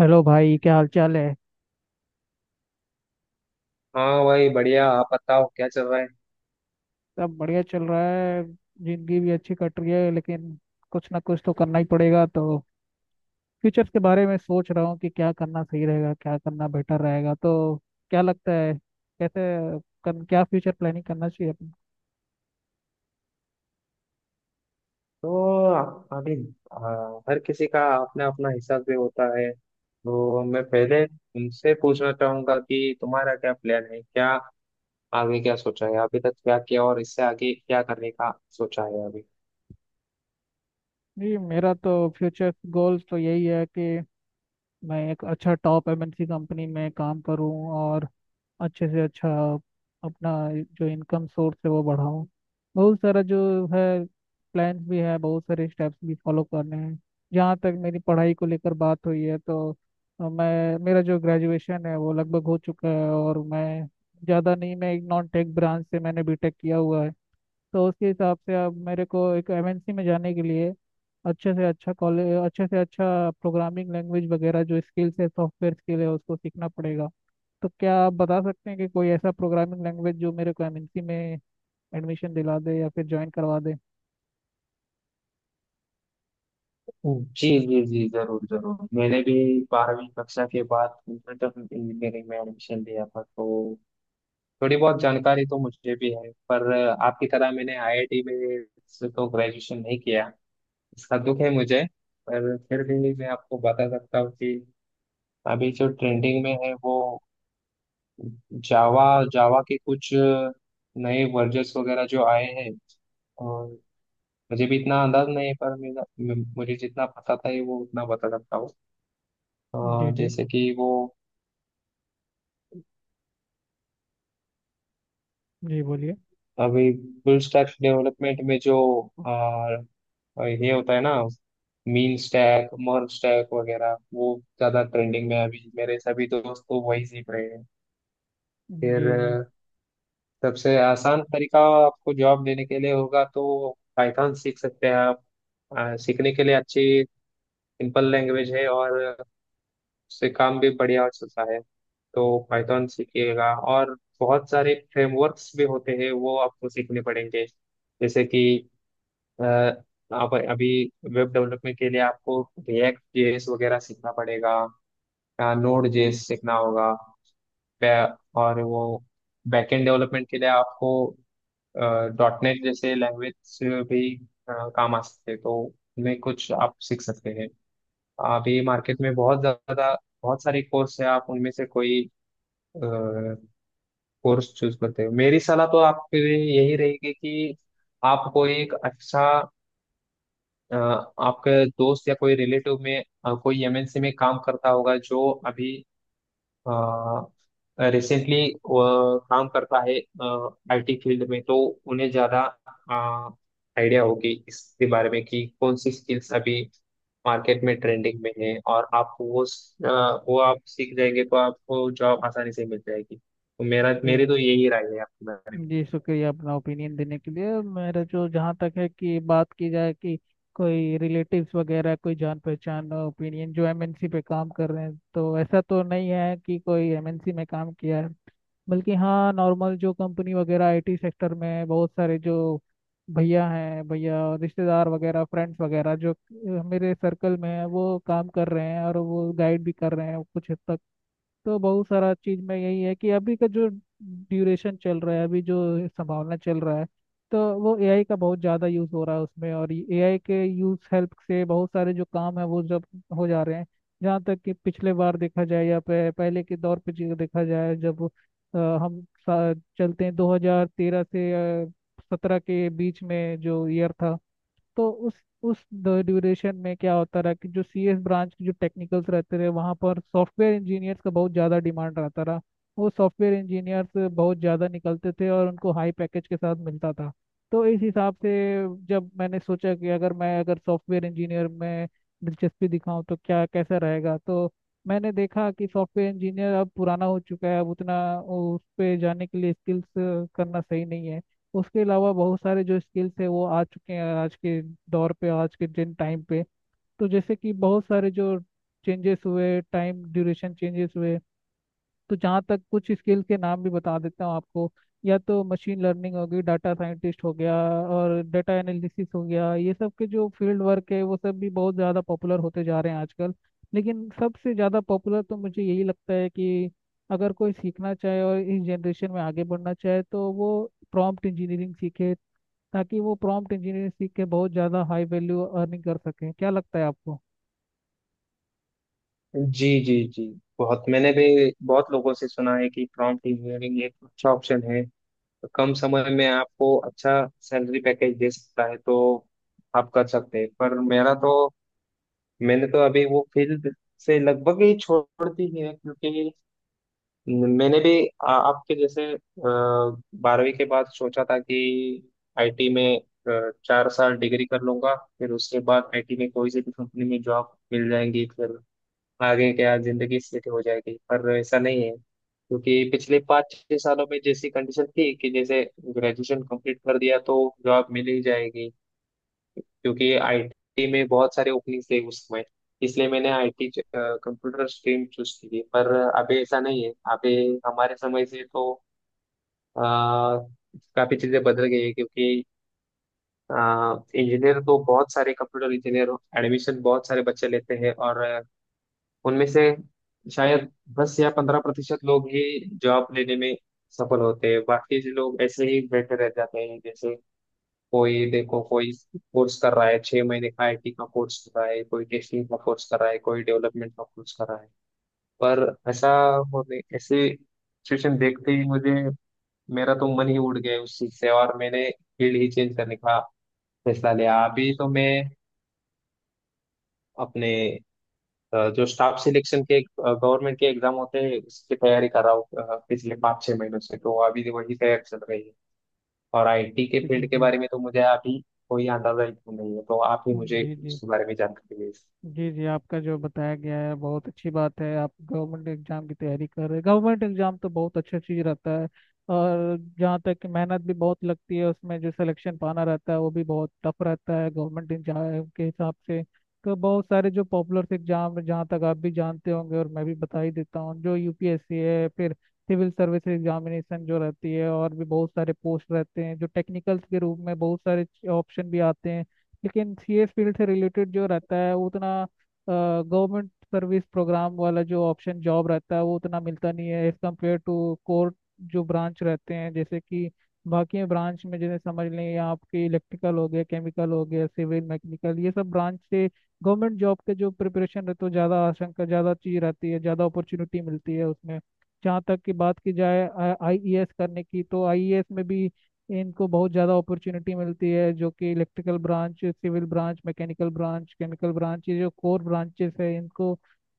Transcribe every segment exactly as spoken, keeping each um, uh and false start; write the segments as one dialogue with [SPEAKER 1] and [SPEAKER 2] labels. [SPEAKER 1] Hello भाई, क्या हाल चाल है।
[SPEAKER 2] हाँ भाई बढ़िया। आप बताओ क्या चल रहा है।
[SPEAKER 1] सब बढ़िया चल रहा है। जिंदगी भी अच्छी कट रही है, लेकिन कुछ ना कुछ तो करना ही पड़ेगा। तो फ्यूचर के बारे में सोच रहा हूँ कि क्या करना सही रहेगा, क्या करना बेटर रहेगा। तो क्या लगता है, कैसे कर, क्या फ्यूचर प्लानिंग करना चाहिए अपन।
[SPEAKER 2] तो आ- अभी, आ, हर किसी का अपना अपना हिसाब भी होता है, तो मैं पहले तुमसे पूछना चाहूंगा कि तुम्हारा क्या प्लान है, क्या आगे क्या सोचा है, अभी तक क्या किया और इससे आगे क्या करने का सोचा है अभी।
[SPEAKER 1] जी, मेरा तो फ्यूचर गोल्स तो यही है कि मैं एक अच्छा टॉप एमएनसी कंपनी में काम करूं, और अच्छे से अच्छा अपना जो इनकम सोर्स है वो बढ़ाऊं। बहुत सारा जो है प्लान्स भी है, बहुत सारे स्टेप्स भी फॉलो करने हैं। जहाँ तक मेरी पढ़ाई को लेकर बात हुई है तो अ, मैं मेरा जो ग्रेजुएशन है वो लगभग हो चुका है, और मैं ज़्यादा नहीं, मैं एक नॉन टेक ब्रांच से मैंने बीटेक किया हुआ है। तो उसके हिसाब से आप मेरे को एक एमएनसी में जाने के लिए अच्छे से अच्छा कॉलेज, अच्छे से अच्छा प्रोग्रामिंग लैंग्वेज वगैरह जो स्किल्स है, सॉफ्टवेयर स्किल है, उसको सीखना पड़ेगा। तो क्या आप बता सकते हैं कि कोई ऐसा प्रोग्रामिंग लैंग्वेज जो मेरे को एमएनसी में एडमिशन दिला दे या फिर ज्वाइन करवा दे।
[SPEAKER 2] जी, जी, जी, जरूर, जरूर। मैंने भी बारहवीं कक्षा के बाद कंप्यूटर इंजीनियरिंग में एडमिशन लिया था, तो थोड़ी बहुत जानकारी तो मुझे भी है, पर आपकी तरह मैंने आई आई टी में से तो ग्रेजुएशन नहीं किया। इसका दुख है मुझे। पर फिर भी मैं आपको बता सकता हूँ कि अभी जो ट्रेंडिंग में है, वो जावा। जावा के कुछ नए वर्जन्स वगैरह जो आए हैं। और मुझे भी इतना अंदाज नहीं है, पर मेरा मे- मुझे जितना पता था ये वो उतना बता सकता हूँ। अ,
[SPEAKER 1] जी जी,
[SPEAKER 2] जैसे कि वो
[SPEAKER 1] जी बोलिए।
[SPEAKER 2] अभी फुल स्टैक डेवलपमेंट में जो अ, ये होता है ना, मीन स्टैक मर्ज स्टैक वगैरह वो ज्यादा ट्रेंडिंग में है। अभी मेरे सभी दोस्त तो वही सीख रहे हैं।
[SPEAKER 1] जी
[SPEAKER 2] फिर
[SPEAKER 1] जी।
[SPEAKER 2] सबसे आसान तरीका आपको जॉब लेने के लिए होगा, तो पाइथन सीख सकते हैं आप। आ, सीखने के लिए अच्छी सिंपल लैंग्वेज है और उससे काम भी बढ़िया चलता है। तो पाइथन सीखिएगा, और बहुत सारे फ्रेमवर्क्स भी होते हैं वो आपको सीखने पड़ेंगे। जैसे कि अ, आप अभी वेब डेवलपमेंट के लिए आपको रिएक्ट जे एस वगैरह सीखना पड़ेगा, नोड जे एस सीखना होगा। पै- और वो बैकएंड डेवलपमेंट के लिए आपको डॉट नेट जैसे लैंग्वेज भी अ, काम आ सकते हैं, तो उनमें कुछ आप सीख सकते हैं। अभी मार्केट में बहुत ज़्यादा बहुत सारे कोर्स है, आप उनमें से कोई कोर्स चूज करते हो। मेरी सलाह तो आपके लिए यही रहेगी कि आप कोई एक अच्छा अ, आपके दोस्त या कोई रिलेटिव में अ, कोई एम एन सी में काम करता होगा जो अभी रिसेंटली काम करता है आई टी फील्ड में, तो उन्हें ज्यादा आइडिया होगी इसके बारे में कि कौन सी स्किल्स अभी मार्केट में ट्रेंडिंग में है, और आप वो अ, वो आप सीख जाएंगे तो आपको जॉब आसानी से मिल जाएगी। तो मेरा मेरी
[SPEAKER 1] जी
[SPEAKER 2] तो यही राय है आपके बारे में।
[SPEAKER 1] जी, शुक्रिया अपना ओपिनियन देने के लिए। मेरा जो, जहाँ तक है कि बात की जाए कि कोई रिलेटिव्स वगैरह कोई जान पहचान ओपिनियन जो एमएनसी पे काम कर रहे हैं, तो ऐसा तो नहीं है कि कोई एमएनसी में काम किया है। बल्कि हाँ, नॉर्मल जो कंपनी वगैरह आईटी सेक्टर में, बहुत सारे जो भैया हैं, भैया और रिश्तेदार वगैरह, फ्रेंड्स वगैरह जो अ, मेरे सर्कल में है वो काम कर रहे हैं और वो गाइड भी कर रहे हैं कुछ हद तक। तो बहुत सारा चीज में यही है कि अभी का जो ड्यूरेशन चल रहा है, अभी जो संभावना चल रहा है, तो वो एआई का बहुत ज़्यादा यूज़ हो रहा है उसमें, और एआई के यूज़ हेल्प से बहुत सारे जो काम है वो जब हो जा रहे हैं। जहाँ तक कि पिछले बार देखा जाए या पे- पहले के दौर पे चीज़ देखा जाए, जब अ, हम सा- चलते हैं दो हज़ार तेरह से सत्रह के बीच में जो ईयर था, तो उस उस ड्यूरेशन में क्या होता रहा कि जो सीएस ब्रांच के जो टेक्निकल्स रहते रहे वहाँ पर सॉफ्टवेयर इंजीनियर्स का बहुत ज़्यादा डिमांड रहता रहा। वो सॉफ्टवेयर इंजीनियर्स बहुत ज़्यादा निकलते थे और उनको हाई पैकेज के साथ मिलता था। तो इस हिसाब से जब मैंने सोचा कि अगर मैं अगर सॉफ्टवेयर इंजीनियर में दिलचस्पी दिखाऊं तो क्या कैसा रहेगा, तो मैंने देखा कि सॉफ्टवेयर इंजीनियर अब पुराना हो चुका है, अब उतना उस पे जाने के लिए स्किल्स करना सही नहीं है। उसके अलावा बहुत सारे जो स्किल्स है वो आ चुके हैं आज के दौर पे, आज के जिन टाइम पे। तो जैसे कि बहुत सारे जो चेंजेस हुए, टाइम ड्यूरेशन चेंजेस हुए, तो जहाँ तक कुछ स्किल के नाम भी बता देता हूँ आपको। या तो मशीन लर्निंग हो गई, डाटा साइंटिस्ट हो गया, और डाटा एनालिसिस हो गया, ये सब के जो फील्ड वर्क है वो सब भी बहुत ज़्यादा पॉपुलर होते जा रहे हैं आजकल। लेकिन सबसे ज़्यादा पॉपुलर तो मुझे यही लगता है कि अगर कोई सीखना चाहे और इस जनरेशन में आगे बढ़ना चाहे, तो वो प्रॉम्प्ट इंजीनियरिंग सीखे, ताकि वो प्रॉम्प्ट इंजीनियरिंग सीख के बहुत ज़्यादा हाई वैल्यू अर्निंग कर सकें। क्या लगता है आपको।
[SPEAKER 2] जी, जी, जी। बहुत मैंने भी बहुत लोगों से सुना है कि प्रॉम्प्ट इंजीनियरिंग एक अच्छा ऑप्शन है, तो कम समय में आपको अच्छा सैलरी पैकेज दे सकता है, तो आप कर सकते हैं। पर मेरा तो मैंने तो अभी वो फील्ड से लगभग ही छोड़ दी है, क्योंकि मैंने भी आ, आपके जैसे अ, बारहवीं के बाद सोचा था कि आई टी में अ, चार साल डिग्री कर लूंगा, फिर उसके बाद आई टी में कोई सी भी कंपनी में जॉब मिल जाएंगी, फिर आगे क्या जिंदगी सेट हो जाएगी। पर ऐसा नहीं है, क्योंकि पिछले पाँच छह सालों में जैसी कंडीशन थी कि जैसे ग्रेजुएशन कंप्लीट कर दिया तो जॉब मिल ही जाएगी, क्योंकि आई टी में बहुत सारे ओपनिंग थे उस समय, इसलिए मैंने I T computer stream choose की थी। पर अभी ऐसा नहीं है। अभी हमारे समय से तो अ, काफी चीजें बदल गई है, क्योंकि इंजीनियर तो बहुत सारे कंप्यूटर इंजीनियर, एडमिशन बहुत सारे बच्चे लेते हैं, और उनमें से शायद दस या पंद्रह प्रतिशत लोग ही जॉब लेने में सफल होते हैं, बाकी जो लोग ऐसे ही बैठे रह जाते हैं। जैसे कोई देखो कोई कोर्स कर रहा है, छह महीने का आई टी का कोर्स कर रहा है, कोई टेस्टिंग का कोर्स कर रहा है, कोई डेवलपमेंट का कोर्स कर रहा है। पर ऐसा होने ऐसे सिचुएशन देखते ही मुझे मेरा तो मन ही उड़ गया उस चीज से, और मैंने फील्ड ही चेंज करने का फैसला लिया। अभी तो मैं अपने अ, जो स्टाफ सिलेक्शन के गवर्नमेंट के एग्जाम होते हैं उसकी तैयारी कर रहा हूँ। अ, पिछले पाँच छह महीनों से तो अभी वही तैयारी चल रही है, और आई टी के
[SPEAKER 1] जी
[SPEAKER 2] फील्ड के
[SPEAKER 1] जी
[SPEAKER 2] बारे में तो मुझे अभी कोई अंदाजा ही नहीं है, तो आप ही मुझे
[SPEAKER 1] जी। जी
[SPEAKER 2] उसके बारे में जानकारी दीजिए।
[SPEAKER 1] जी जी। आपका जो बताया गया है बहुत अच्छी बात है। आप गवर्नमेंट एग्जाम की तैयारी कर रहे हैं, गवर्नमेंट एग्जाम तो बहुत अच्छा चीज रहता है। और जहाँ तक कि मेहनत भी बहुत लगती है उसमें, जो सिलेक्शन पाना रहता है वो भी बहुत टफ रहता है गवर्नमेंट एग्जाम के हिसाब से। तो बहुत सारे जो पॉपुलर एग्जाम है जहाँ तक आप भी जानते होंगे और मैं भी बता ही देता हूँ, जो यूपीएससी है, फिर सिविल सर्विस एग्जामिनेशन जो रहती है, और भी बहुत सारे पोस्ट रहते हैं जो टेक्निकल्स के रूप में बहुत सारे ऑप्शन भी आते हैं। लेकिन ये फील्ड से रिलेटेड जो रहता है वो उतना, गवर्नमेंट सर्विस प्रोग्राम वाला जो ऑप्शन जॉब रहता है वो उतना मिलता नहीं है एज कम्पेयर टू कोर जो ब्रांच रहते हैं, जैसे कि बाकी ब्रांच में, जैसे समझ लें या आपके इलेक्ट्रिकल हो गया, केमिकल हो गया, सिविल, मैकेनिकल, ये सब ब्रांच से गवर्नमेंट जॉब के जो प्रिपरेशन रहता है, ज़्यादा आशंका, ज़्यादा चीज़ रहती है, ज़्यादा अपॉर्चुनिटी मिलती है उसमें। जहाँ तक की बात की जाए आईईएस करने की, तो आईईएस में भी इनको बहुत ज़्यादा अपॉर्चुनिटी मिलती है, जो कि electrical branch, civil branch, mechanical branch, chemical branch, ये जो कोर ब्रांचेस है इनको,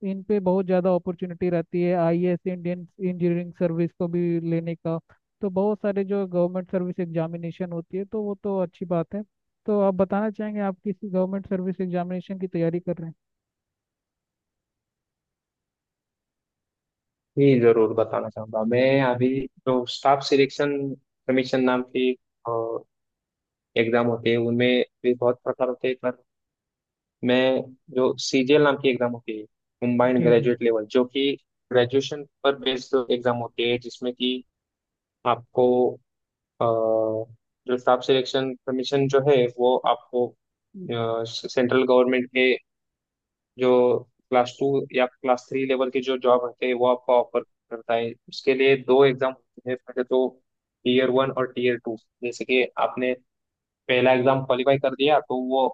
[SPEAKER 1] इन पे बहुत ज़्यादा अपॉर्चुनिटी रहती है आईएएस इंडियन इंजीनियरिंग सर्विस को भी लेने का। तो बहुत सारे जो गवर्नमेंट सर्विस एग्जामिनेशन होती है, तो वो तो अच्छी बात है। तो आप बताना चाहेंगे आप किस गवर्नमेंट सर्विस एग्जामिनेशन की तैयारी कर रहे हैं।
[SPEAKER 2] जी, जरूर बताना चाहूंगा। मैं अभी जो स्टाफ सिलेक्शन कमीशन नाम की एग्जाम होती है उनमें भी बहुत प्रकार होते हैं, पर मैं जो सी जी एल नाम की एग्जाम होती है, कंबाइंड
[SPEAKER 1] जी जी।
[SPEAKER 2] ग्रेजुएट लेवल जो कि ग्रेजुएशन पर बेस्ड एग्जाम होती है, जिसमें कि आपको अ, जो स्टाफ सिलेक्शन कमीशन जो है वो आपको सेंट्रल गवर्नमेंट के जो क्लास टू या क्लास थ्री लेवल की जो जॉब होते हैं वो आपको ऑफर करता है। उसके लिए दो एग्जाम होते हैं, पहले तो टीयर वन और टीयर टू। जैसे कि आपने पहला एग्जाम क्वालिफाई कर दिया तो वो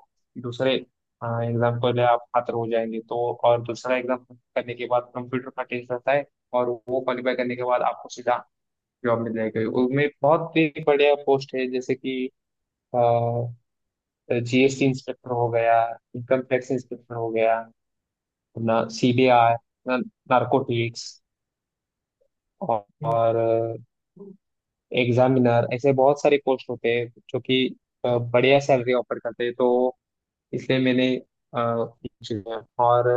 [SPEAKER 2] दूसरे एग्जाम के लिए आप पात्र हो जाएंगे, तो और दूसरा एग्जाम करने के बाद कंप्यूटर का टेस्ट रहता है, और वो क्वालिफाई करने के बाद आपको सीधा जॉब मिल जाएगी। उनमें बहुत ही बढ़िया पोस्ट है, जैसे कि जी एस टी इंस्पेक्टर हो गया, इनकम टैक्स इंस्पेक्टर हो गया, अपना सी बी आई, नारकोटिक्स
[SPEAKER 1] जी,
[SPEAKER 2] और एग्जामिनर, ऐसे बहुत सारे पोस्ट होते हैं जो कि अ, बढ़िया सैलरी ऑफर करते हैं, तो इसलिए मैंने अ, किया। और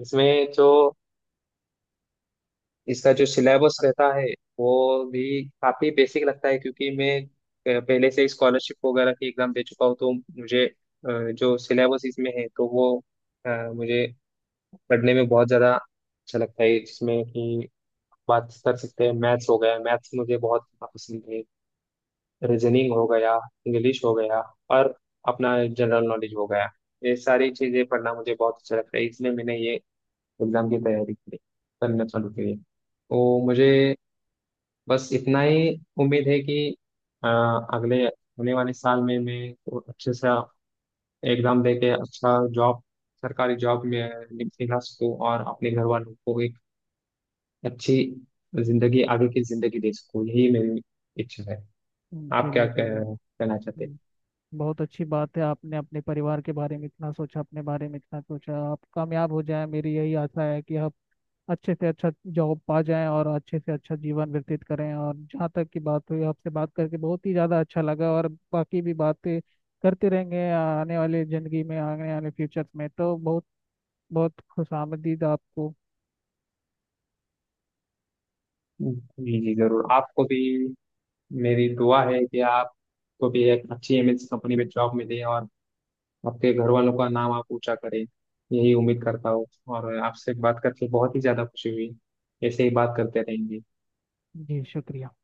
[SPEAKER 2] इसमें जो इसका जो सिलेबस रहता है वो भी काफी बेसिक लगता है, क्योंकि मैं अ, पहले से स्कॉलरशिप वगैरह की एग्जाम दे चुका हूँ, तो मुझे अ, जो सिलेबस इसमें है तो वो अ, मुझे पढ़ने में बहुत ज्यादा अच्छा लगता है, जिसमें कि बात कर सकते हैं मैथ्स हो गया। मैथ्स मुझे बहुत पसंद है, रीजनिंग हो गया, इंग्लिश हो गया और अपना जनरल नॉलेज हो गया। ये सारी चीजें पढ़ना मुझे बहुत अच्छा लगता है, इसलिए मैंने ये एग्जाम की तैयारी की करना चालू करी, तो मुझे बस इतना ही उम्मीद है कि अ, अगले होने वाले साल में मैं को अच्छे से एग्जाम दे के अच्छा जॉब, सरकारी जॉब में निकला सकूँ, और अपने घर वालों को एक अच्छी जिंदगी, आगे की जिंदगी दे सकूँ। यही मेरी इच्छा है।
[SPEAKER 1] हम्म,
[SPEAKER 2] आप क्या
[SPEAKER 1] चलिए चलिए।
[SPEAKER 2] कह, कहना चाहते
[SPEAKER 1] बहुत अच्छी बात है, आपने अपने परिवार के बारे में इतना सोचा, अपने बारे में इतना सोचा। आप कामयाब हो जाएं, मेरी यही आशा है कि आप अच्छे से अच्छा जॉब पा जाएं और अच्छे से अच्छा जीवन व्यतीत करें। और जहाँ तक की बात हुई, आपसे बात करके बहुत ही ज़्यादा अच्छा लगा और बाकी भी बातें करते रहेंगे आने वाले ज़िंदगी में, आने वाले फ्यूचर में। तो बहुत बहुत खुश आपको।
[SPEAKER 2] हैं? जी, जी, जरूर। आपको भी मेरी दुआ है कि आपको भी एक अच्छी एम एन सी कंपनी में जॉब मिले, और आपके घर वालों का नाम आप ऊंचा करें, यही उम्मीद करता हूँ। और आपसे बात करके बहुत ही ज्यादा खुशी हुई। ऐसे ही बात करते रहेंगे।
[SPEAKER 1] जी शुक्रिया।